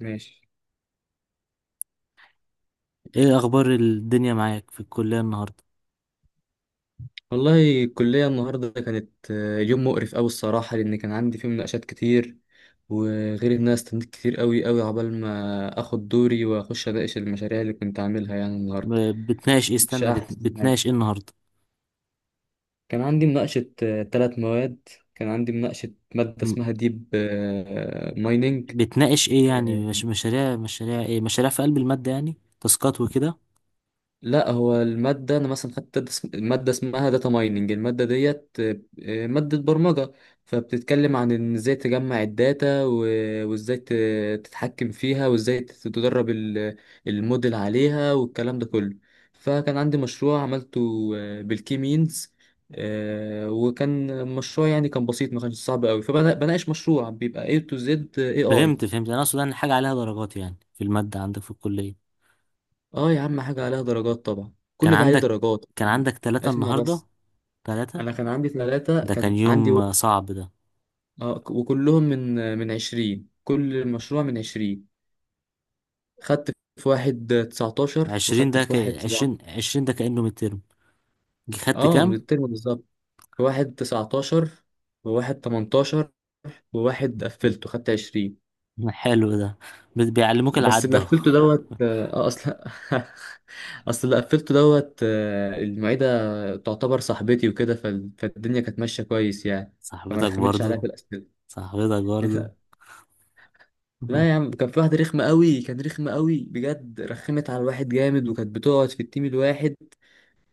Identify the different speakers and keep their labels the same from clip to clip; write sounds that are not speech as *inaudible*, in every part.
Speaker 1: ماشي.
Speaker 2: ايه اخبار الدنيا معاك في الكلية النهاردة؟
Speaker 1: والله الكلية النهاردة كانت يوم مقرف أوي الصراحة، لأن كان عندي فيه مناقشات كتير، وغير إن أنا استنيت كتير أوي أوي عقبال ما آخد دوري وأخش أناقش المشاريع اللي كنت عاملها يعني النهاردة.
Speaker 2: بتناقش ايه؟
Speaker 1: مش
Speaker 2: استنى،
Speaker 1: أحسن حاجة.
Speaker 2: بتناقش ايه النهاردة؟
Speaker 1: كان عندي مناقشة تلات مواد. كان عندي مناقشة مادة
Speaker 2: م-
Speaker 1: اسمها ديب مايننج.
Speaker 2: بتناقش ايه يعني؟ مش مشاريع، مشاريع ايه؟ مشاريع في قلب المادة يعني، تاسكات وكده.
Speaker 1: لا، هو المادة أنا مثلا خدت مادة اسمها داتا مايننج، المادة ديت مادة برمجة، فبتتكلم عن إن إزاي تجمع الداتا وإزاي تتحكم فيها، وإزاي تدرب الموديل عليها والكلام ده كله. فكان عندي مشروع عملته بالكيمينز. وكان مشروع يعني، كان بسيط، ما كانش صعب قوي، فبناقش مشروع بيبقى A to Z AI.
Speaker 2: فهمت. انا اقصد ان حاجة عليها درجات يعني، في المادة عندك في الكلية.
Speaker 1: اه يا عم، حاجة عليها درجات، طبعا
Speaker 2: كان
Speaker 1: كل ده عليه
Speaker 2: عندك
Speaker 1: درجات.
Speaker 2: كان عندك ثلاثة
Speaker 1: اسمع
Speaker 2: النهاردة؟
Speaker 1: بس.
Speaker 2: ثلاثة.
Speaker 1: انا كان عندي ثلاثة،
Speaker 2: ده كان
Speaker 1: كان عندي
Speaker 2: يوم
Speaker 1: و...
Speaker 2: صعب ده.
Speaker 1: وكلهم من 20، كل مشروع من 20. خدت في واحد 19،
Speaker 2: عشرين
Speaker 1: وخدت
Speaker 2: ده
Speaker 1: في
Speaker 2: ك...
Speaker 1: واحد 17.
Speaker 2: عشرين ده كأنه مترم. خدت
Speaker 1: اه، من
Speaker 2: كام؟
Speaker 1: الترم بالظبط. في واحد 19، وواحد 18، وواحد قفلته خدت 20.
Speaker 2: حلو ده. بيعلموك
Speaker 1: بس
Speaker 2: العد
Speaker 1: اللي
Speaker 2: اهو.
Speaker 1: قفلته دوت اه اصلا. *laughs* اصل اللي قفلته دوت، المعيدة تعتبر صاحبتي وكده، فالدنيا كانت ماشية كويس يعني. فما
Speaker 2: صاحبتك
Speaker 1: رخمتش عليا في
Speaker 2: برضو؟
Speaker 1: الأسئلة.
Speaker 2: صاحبتك برضو؟
Speaker 1: *laughs* لا يا
Speaker 2: *laughs*
Speaker 1: عم، كان في واحدة رخمة قوي، كان رخمة قوي بجد، رخمت على الواحد جامد، وكانت بتقعد في التيم الواحد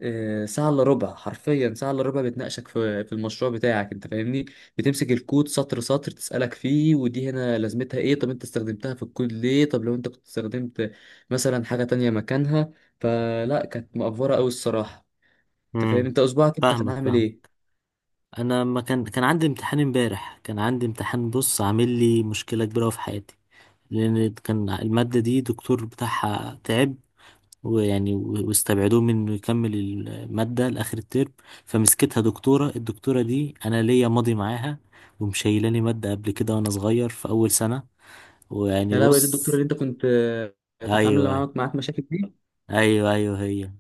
Speaker 1: ساعة الا ربع، حرفيا ساعة الا ربع بتناقشك في المشروع بتاعك، انت فاهمني، بتمسك الكود سطر سطر، تسألك فيه ودي هنا لازمتها ايه، طب انت استخدمتها في الكود ليه، طب لو انت كنت استخدمت مثلا حاجة تانية مكانها. فلا، كانت مقفرة قوي الصراحة. انت فاهم،
Speaker 2: امم.
Speaker 1: انت اسبوعك انت كان
Speaker 2: فاهمك،
Speaker 1: عامل
Speaker 2: فاهم.
Speaker 1: ايه.
Speaker 2: انا ما كان كان عندي امتحان امبارح، كان عندي امتحان بص، عامل لي مشكله كبيره أوي في حياتي. لان كان الماده دي دكتور بتاعها تعب، ويعني واستبعدوه من انه يكمل الماده لاخر الترم. فمسكتها دكتوره، الدكتوره دي انا ليا ماضي معاها، ومشيلاني ماده قبل كده وانا صغير في اول سنه. ويعني
Speaker 1: يا لهوي، دي
Speaker 2: بص.
Speaker 1: الدكتورة اللي انت كنت كانت عاملة
Speaker 2: ايوه،
Speaker 1: معاك مشاكل.
Speaker 2: ايوه، ايوه، هي.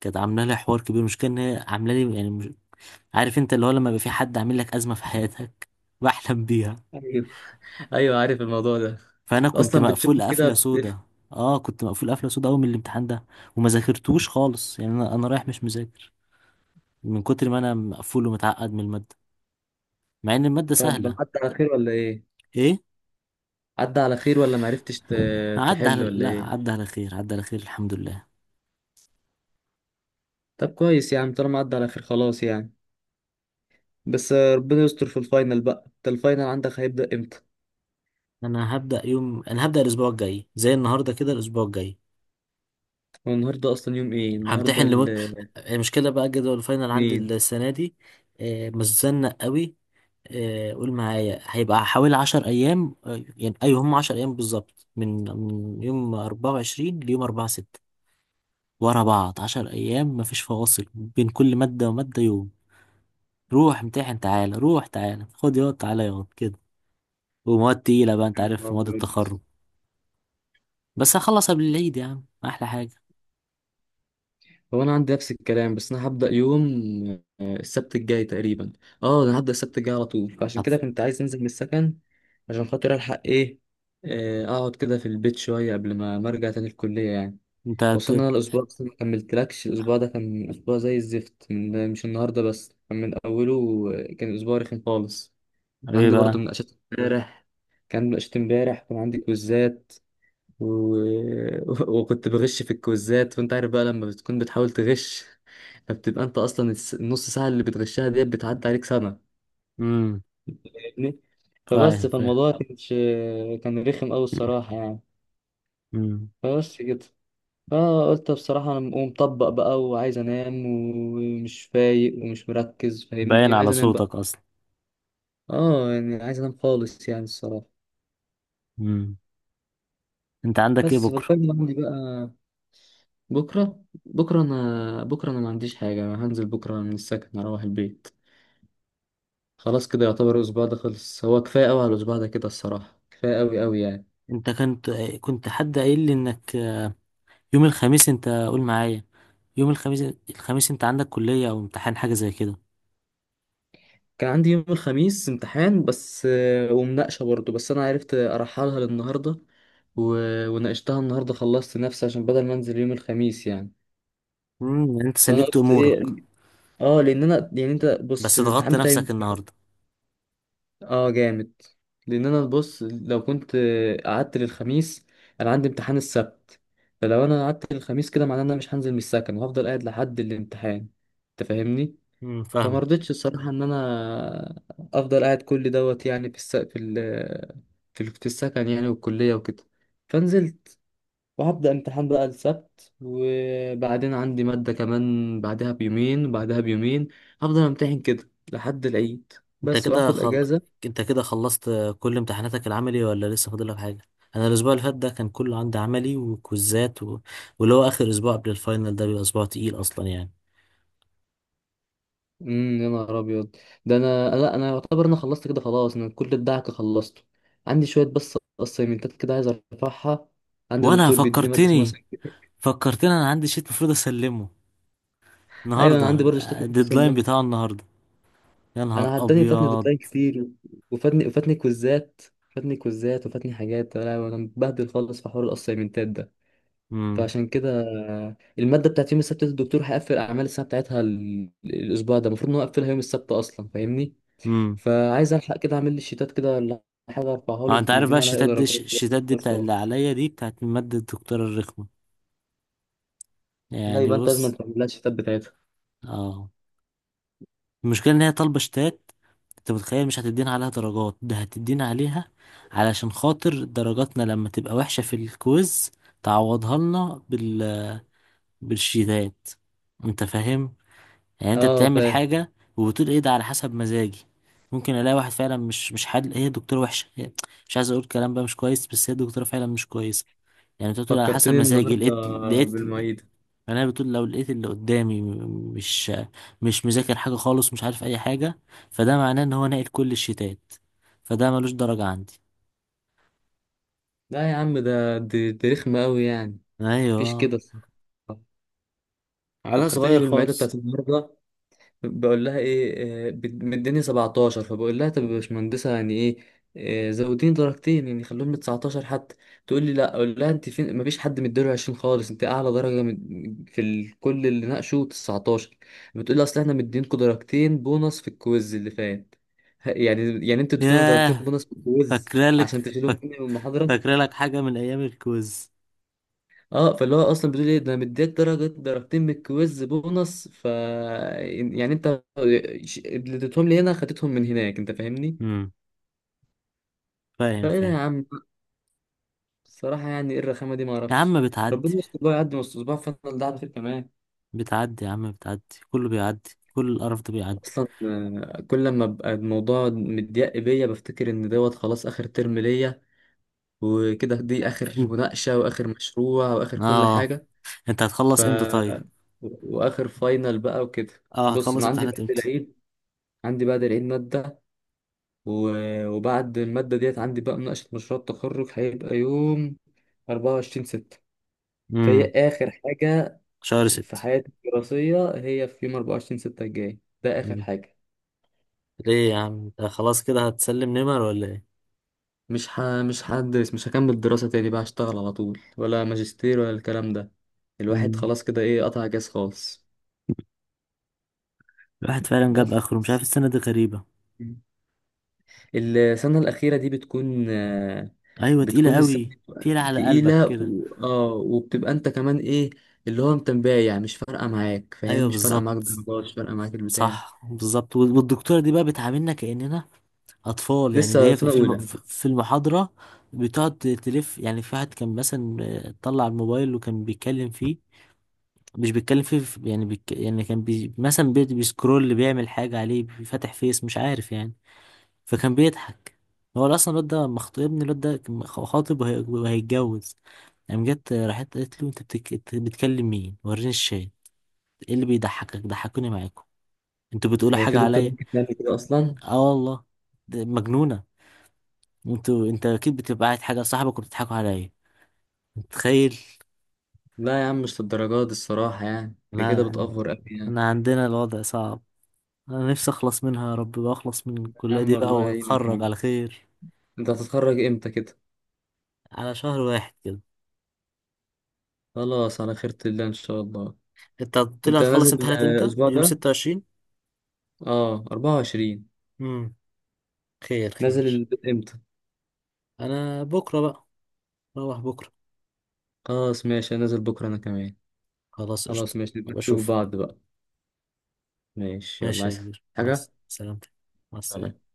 Speaker 2: كانت عامله لي حوار كبير، مش كان هي عامله لي يعني. عارف انت اللي هو، لما يبقى في حد عامل لك أزمة في حياتك بحلم بيها.
Speaker 1: دي ايوه، عارف الموضوع ده.
Speaker 2: فأنا كنت
Speaker 1: اصلا بتشوفه
Speaker 2: مقفول
Speaker 1: كده
Speaker 2: قفلة
Speaker 1: بتقف.
Speaker 2: سودا. اه، كنت مقفول قفلة سودا أوي من الامتحان ده، وما ذاكرتوش خالص يعني. أنا رايح مش مذاكر، من كتر ما أنا مقفول ومتعقد من المادة، مع إن المادة
Speaker 1: طب
Speaker 2: سهلة.
Speaker 1: عدى على خير ولا ايه؟
Speaker 2: ايه؟
Speaker 1: عدى على خير، ولا معرفتش
Speaker 2: عدى
Speaker 1: تحل
Speaker 2: على
Speaker 1: ولا
Speaker 2: لا،
Speaker 1: ايه؟
Speaker 2: عدى على خير، الحمد لله.
Speaker 1: طب كويس يا عم، طالما عدى على خير خلاص يعني. بس ربنا يستر في الفاينل بقى، انت الفاينل عندك هيبدأ امتى؟
Speaker 2: انا هبدأ الاسبوع الجاي زي النهارده كده، الاسبوع الجاي.
Speaker 1: هو النهارده اصلا يوم ايه النهارده؟
Speaker 2: همتحن، لم... المشكله بقى جدول الفاينل عندي
Speaker 1: الاثنين.
Speaker 2: السنه دي. متزنق قوي. قول معايا هيبقى حوالي عشر أيام. يعني أيوة، هم عشر أيام بالظبط، من يوم أربعة وعشرين ليوم أربعة ستة، ورا بعض عشر أيام، مفيش فواصل بين كل مادة ومادة يوم. روح امتحن، تعالى، روح، تعالى خد ياض، تعالى ياض كده. ومواد تقيلة بقى، أنت عارف مواد التخرج. بس هخلص قبل العيد يا عم، أحلى حاجة.
Speaker 1: هو انا عندي نفس الكلام، بس انا هبدا يوم السبت الجاي تقريبا. اه، انا هبدا السبت الجاي على طول، فعشان
Speaker 2: هت-
Speaker 1: كده كنت عايز انزل من السكن عشان خاطر الحق ايه، اقعد كده في البيت شويه قبل ما ارجع تاني الكليه يعني.
Speaker 2: أنت
Speaker 1: وصلنا،
Speaker 2: هت-
Speaker 1: أنا الاسبوع بس ما كملتلكش، الاسبوع ده كان اسبوع زي الزفت، من مش النهارده بس، كان من اوله كان اسبوع رخم خالص. كان
Speaker 2: إيه
Speaker 1: عندي برضو
Speaker 2: بقى؟
Speaker 1: مناقشات امبارح، كان مناقشات امبارح، كان عندي كويزات و... *laughs* وكنت بغش في الكويزات، وانت عارف بقى لما بتكون بتحاول تغش، فبتبقى انت اصلا النص ساعه اللي بتغشها ديت بتعدي عليك سنه،
Speaker 2: امم،
Speaker 1: فاهمني.
Speaker 2: فاهم
Speaker 1: فبس،
Speaker 2: فاهم.
Speaker 1: فالموضوع كانش، كان رخم قوي الصراحه يعني.
Speaker 2: امم.
Speaker 1: فبس كده. فقلت بصراحه، انا مقوم مطبق بقى، وعايز انام، ومش فايق، ومش مركز،
Speaker 2: باين
Speaker 1: فاهمني، وعايز
Speaker 2: على
Speaker 1: انام بقى.
Speaker 2: صوتك أصلا.
Speaker 1: اه يعني، عايز انام خالص يعني الصراحه.
Speaker 2: امم. أنت عندك إيه
Speaker 1: بس
Speaker 2: بكرة؟
Speaker 1: فالفاينل عندي بقى. بكره، بكره انا، بكره انا ما عنديش حاجه، انا هنزل بكره من السكن اروح البيت. خلاص كده، يعتبر الاسبوع ده خلص، هو كفايه قوي على الاسبوع ده كده الصراحه، كفايه قوي قوي يعني.
Speaker 2: انت كنت حد قايل لي انك يوم الخميس، انت قول معايا، يوم الخميس. الخميس انت عندك كلية او امتحان، حاجة زي كده؟
Speaker 1: كان عندي يوم الخميس امتحان بس ومناقشة برضه، بس أنا عرفت أرحلها للنهاردة، و... وناقشتها النهاردة خلصت نفسي، عشان بدل ما أنزل يوم الخميس يعني.
Speaker 2: امم، يعني انت
Speaker 1: فأنا
Speaker 2: سلكت
Speaker 1: قلت
Speaker 2: امورك.
Speaker 1: إيه، لأن أنا يعني، أنت بص،
Speaker 2: بس ضغطت
Speaker 1: الامتحان بتاعي
Speaker 2: نفسك النهاردة.
Speaker 1: جامد، لأن أنا بص، لو كنت قعدت للخميس، أنا عندي امتحان السبت، فلو أنا قعدت للخميس كده معناه إن أنا مش هنزل من السكن، وهفضل قاعد لحد الامتحان، أنت فاهمني؟
Speaker 2: امم،
Speaker 1: فما
Speaker 2: فاهم.
Speaker 1: رضيتش الصراحة إن أنا أفضل قاعد كل دوت يعني في الس... في ال... في ال- في السكن يعني، والكلية وكده، فنزلت. وهبدأ امتحان بقى السبت، وبعدين عندي مادة كمان بعدها بيومين، وبعدها بيومين، هفضل امتحن كده لحد العيد،
Speaker 2: انت
Speaker 1: بس،
Speaker 2: كده
Speaker 1: وآخد
Speaker 2: خل...
Speaker 1: أجازة.
Speaker 2: انت كده خلصت كل امتحاناتك العملي، ولا لسه فاضل لك حاجة؟ انا الاسبوع اللي فات ده كان كله عندي عملي وكوزات، واللي هو اخر اسبوع قبل الفاينل ده بيبقى اسبوع تقيل اصلا يعني.
Speaker 1: يا نهار أبيض، ده أنا، لا أنا يعتبر أنا خلصت كده خلاص، أنا كل الدعك خلصته، عندي شوية بس أسايمنتات كده عايز أرفعها، عندي
Speaker 2: وانا
Speaker 1: دكتور بيديني مادة اسمها
Speaker 2: فكرتني،
Speaker 1: *laughs*
Speaker 2: انا عندي شيت المفروض اسلمه
Speaker 1: ايوه، انا
Speaker 2: النهارده،
Speaker 1: عندي برضه اشتكي
Speaker 2: الديدلاين
Speaker 1: بسلمها.
Speaker 2: بتاعه النهارده. يا نهار
Speaker 1: انا عداني، فاتني
Speaker 2: ابيض.
Speaker 1: ديدلاين كتير، وفاتني كويزات، فاتني كويزات، وفاتني حاجات، انا متبهدل خالص في حوار الاسايمنتات ده،
Speaker 2: امم.
Speaker 1: فعشان كده الماده بتاعت يوم السبت دي، الدكتور هيقفل اعمال السنه بتاعتها الاسبوع ده، المفروض ان هو يقفلها يوم السبت اصلا فاهمني.
Speaker 2: امم.
Speaker 1: فعايز الحق كده اعمل لي الشيتات كده، ولا حاجه ارفعها له،
Speaker 2: اه، انت
Speaker 1: يمكن
Speaker 2: عارف بقى،
Speaker 1: يدينا عليها ايه
Speaker 2: الشتات دي
Speaker 1: درجات كده،
Speaker 2: الشتات دي
Speaker 1: بس
Speaker 2: بتاع اللي
Speaker 1: خلاص.
Speaker 2: عليا دي، بتاعت مادة الدكتورة الرخمة
Speaker 1: لا،
Speaker 2: يعني.
Speaker 1: يبقى انت لازم
Speaker 2: بص،
Speaker 1: تعمل لها الشيتات بتاعتها.
Speaker 2: اه. المشكلة ان هي طالبة شتات. انت متخيل؟ مش هتدينا عليها درجات؟ ده هتدينا عليها علشان خاطر درجاتنا لما تبقى وحشة في الكويز تعوضها لنا بالشتات. انت فاهم؟ يعني انت
Speaker 1: اه،
Speaker 2: بتعمل
Speaker 1: فاهم.
Speaker 2: حاجة وبتقول ايه ده، على حسب مزاجي. ممكن الاقي واحد فعلا مش حد. هي دكتورة وحشة، مش عايز اقول كلام بقى مش كويس، بس هي الدكتورة فعلا مش كويسة. يعني انت بتقول على حسب
Speaker 1: فكرتني
Speaker 2: مزاجي،
Speaker 1: النهارده
Speaker 2: لقيت يعني.
Speaker 1: بالمعيده.
Speaker 2: انا بتقول لو لقيت اللي قدامي مش مذاكر حاجة خالص، مش عارف اي حاجة، فده معناه ان هو ناقل كل الشتات، فده ملوش درجة عندي.
Speaker 1: لا يا عم، دي رخمه قوي يعني. مفيش كده
Speaker 2: ايوه.
Speaker 1: الصراحة.
Speaker 2: على
Speaker 1: فكرتني
Speaker 2: صغير
Speaker 1: بالمعيدة
Speaker 2: خالص.
Speaker 1: بتاعت النهاردة. بقول لها إيه، مديني 17، فبقول لها طب يا باشمهندسة يعني إيه، زوديني درجتين يعني، خلوهم ل 19 حتى. تقول لي لا، أقول لها أنت فين، مفيش حد مديله 20 خالص، أنت أعلى درجة كل اللي ناقشوا 19. بتقول لي، أصل إحنا مدينكوا درجتين بونص في الكويز اللي فات، يعني أنتوا اديتونا درجتين
Speaker 2: ياه.
Speaker 1: بونص في الكويز عشان
Speaker 2: فاكرالك
Speaker 1: تشيلهم
Speaker 2: فاك-
Speaker 1: مني من المحاضرة.
Speaker 2: فاكرالك حاجة من ايام الكوز؟
Speaker 1: اه، فاللي هو اصلا بتقول ايه ده، أنا مديك درجتين من الكويز بونص، يعني انت، اللي اديتهم لي هنا خدتهم من هناك انت فاهمني.
Speaker 2: امم، فاهم
Speaker 1: فايه ده يا
Speaker 2: فاهم.
Speaker 1: عم، الصراحه، يعني ايه الرخامه دي، ما
Speaker 2: يا
Speaker 1: اعرفش.
Speaker 2: عم بتعدي،
Speaker 1: ربنا يستر بقى، يعدي نص اسبوع فضل ده على خير كمان.
Speaker 2: بتعدي يا عم، بتعدي. كله بيعدي، كل القرف ده بيعدي.
Speaker 1: اصلا كل لما ابقى الموضوع مضيق بيا بفتكر ان دوت خلاص اخر ترم ليا وكده، دي اخر
Speaker 2: انت،
Speaker 1: مناقشه، واخر مشروع، واخر كل
Speaker 2: اه،
Speaker 1: حاجه،
Speaker 2: انت
Speaker 1: ف
Speaker 2: هتخلص امتى طيب؟
Speaker 1: واخر فاينل بقى وكده.
Speaker 2: اه،
Speaker 1: بص،
Speaker 2: هتخلص
Speaker 1: انا عندي
Speaker 2: امتحانات
Speaker 1: بعد
Speaker 2: امتى؟
Speaker 1: العيد، عندي بعد العيد ماده، وبعد المادة ديت عندي بقى مناقشة مشروع التخرج، هيبقى يوم 24/6. فهي
Speaker 2: امم.
Speaker 1: آخر حاجة
Speaker 2: شهر
Speaker 1: في
Speaker 2: ست.
Speaker 1: حياتي الدراسية، هي في يوم 24/6 الجاي ده آخر
Speaker 2: امم.
Speaker 1: حاجة.
Speaker 2: ليه يا عم، انت خلاص كده هتسلم نمر ولا ايه؟
Speaker 1: مش هدرس، مش هكمل دراسة تاني بقى، هشتغل على طول ولا ماجستير ولا الكلام ده، الواحد
Speaker 2: امم.
Speaker 1: خلاص كده إيه، قطع جاز خالص.
Speaker 2: الواحد فعلا
Speaker 1: بس
Speaker 2: جاب اخره، مش عارف، السنه دي غريبه.
Speaker 1: السنة الأخيرة دي بتكون آه،
Speaker 2: ايوه، تقيله
Speaker 1: بتكون السنة
Speaker 2: قوي. تقيله على قلبك
Speaker 1: تقيلة،
Speaker 2: كده.
Speaker 1: وبتبقى أنت كمان إيه، اللي هو أنت مبايع، مش فارقة معاك فاهم،
Speaker 2: ايوه
Speaker 1: مش فارقة معاك
Speaker 2: بالظبط.
Speaker 1: الدرجات، مش فارقة معاك البتاع.
Speaker 2: صح بالظبط، والدكتوره دي بقى بتعاملنا كاننا اطفال يعني. دي
Speaker 1: لسه
Speaker 2: هي
Speaker 1: في
Speaker 2: في
Speaker 1: سنة أولى.
Speaker 2: في المحاضره بتقعد تلف يعني. في واحد كان مثلا طلع الموبايل وكان بيتكلم فيه، مش بيتكلم فيه يعني بيك، يعني كان بي مثلا بي بيسكرول، بيعمل حاجه عليه، بيفتح فيس مش عارف يعني، فكان بيضحك. هو اصلا الواد ده مخطوب، ابن الواد ده كان خاطب وهيتجوز. قام جت راحت قالت له: إنت بتكلم مين؟ وريني الشات. ايه اللي بيضحكك؟ ضحكوني معاكم، انتوا بتقولوا
Speaker 1: هي في
Speaker 2: حاجه
Speaker 1: دكتور
Speaker 2: عليا؟
Speaker 1: ممكن تعمل كده أصلا؟
Speaker 2: اه والله، ده مجنونه. انت اكيد بتبقى قاعد حاجه صاحبك وبتضحكوا عليا. متخيل؟
Speaker 1: لا يا عم، مش للدرجات دي الصراحة يعني، دي كده
Speaker 2: انا
Speaker 1: بتأفور أوي يعني.
Speaker 2: انا عندنا الوضع صعب. انا نفسي اخلص منها يا رب، بقى اخلص من
Speaker 1: يا
Speaker 2: الكليه
Speaker 1: عم
Speaker 2: دي بقى
Speaker 1: الله يعينك يا
Speaker 2: واتخرج
Speaker 1: عم.
Speaker 2: على خير.
Speaker 1: أنت هتتخرج إمتى كده؟
Speaker 2: على شهر واحد كده.
Speaker 1: خلاص على خيرة الله إن شاء الله.
Speaker 2: انت قلت لي
Speaker 1: أنت
Speaker 2: هتخلص
Speaker 1: نازل
Speaker 2: امتحانات امتى؟
Speaker 1: الأسبوع
Speaker 2: يوم
Speaker 1: ده.
Speaker 2: 26.
Speaker 1: اه، 24.
Speaker 2: امم، خير
Speaker 1: نازل
Speaker 2: خير.
Speaker 1: إمتى؟
Speaker 2: انا بكره بقى. روح بكره.
Speaker 1: خلاص ماشي، أنا نازل بكرة أنا كمان.
Speaker 2: خلاص قشطه.
Speaker 1: خلاص ماشي، نبقى نشوف
Speaker 2: وبشوفك.
Speaker 1: بعض بقى. ماشي، يلا
Speaker 2: ماشي يا
Speaker 1: عايز
Speaker 2: كبير، مع
Speaker 1: حاجة،
Speaker 2: سلامتك. مع
Speaker 1: سلام.
Speaker 2: السلامه.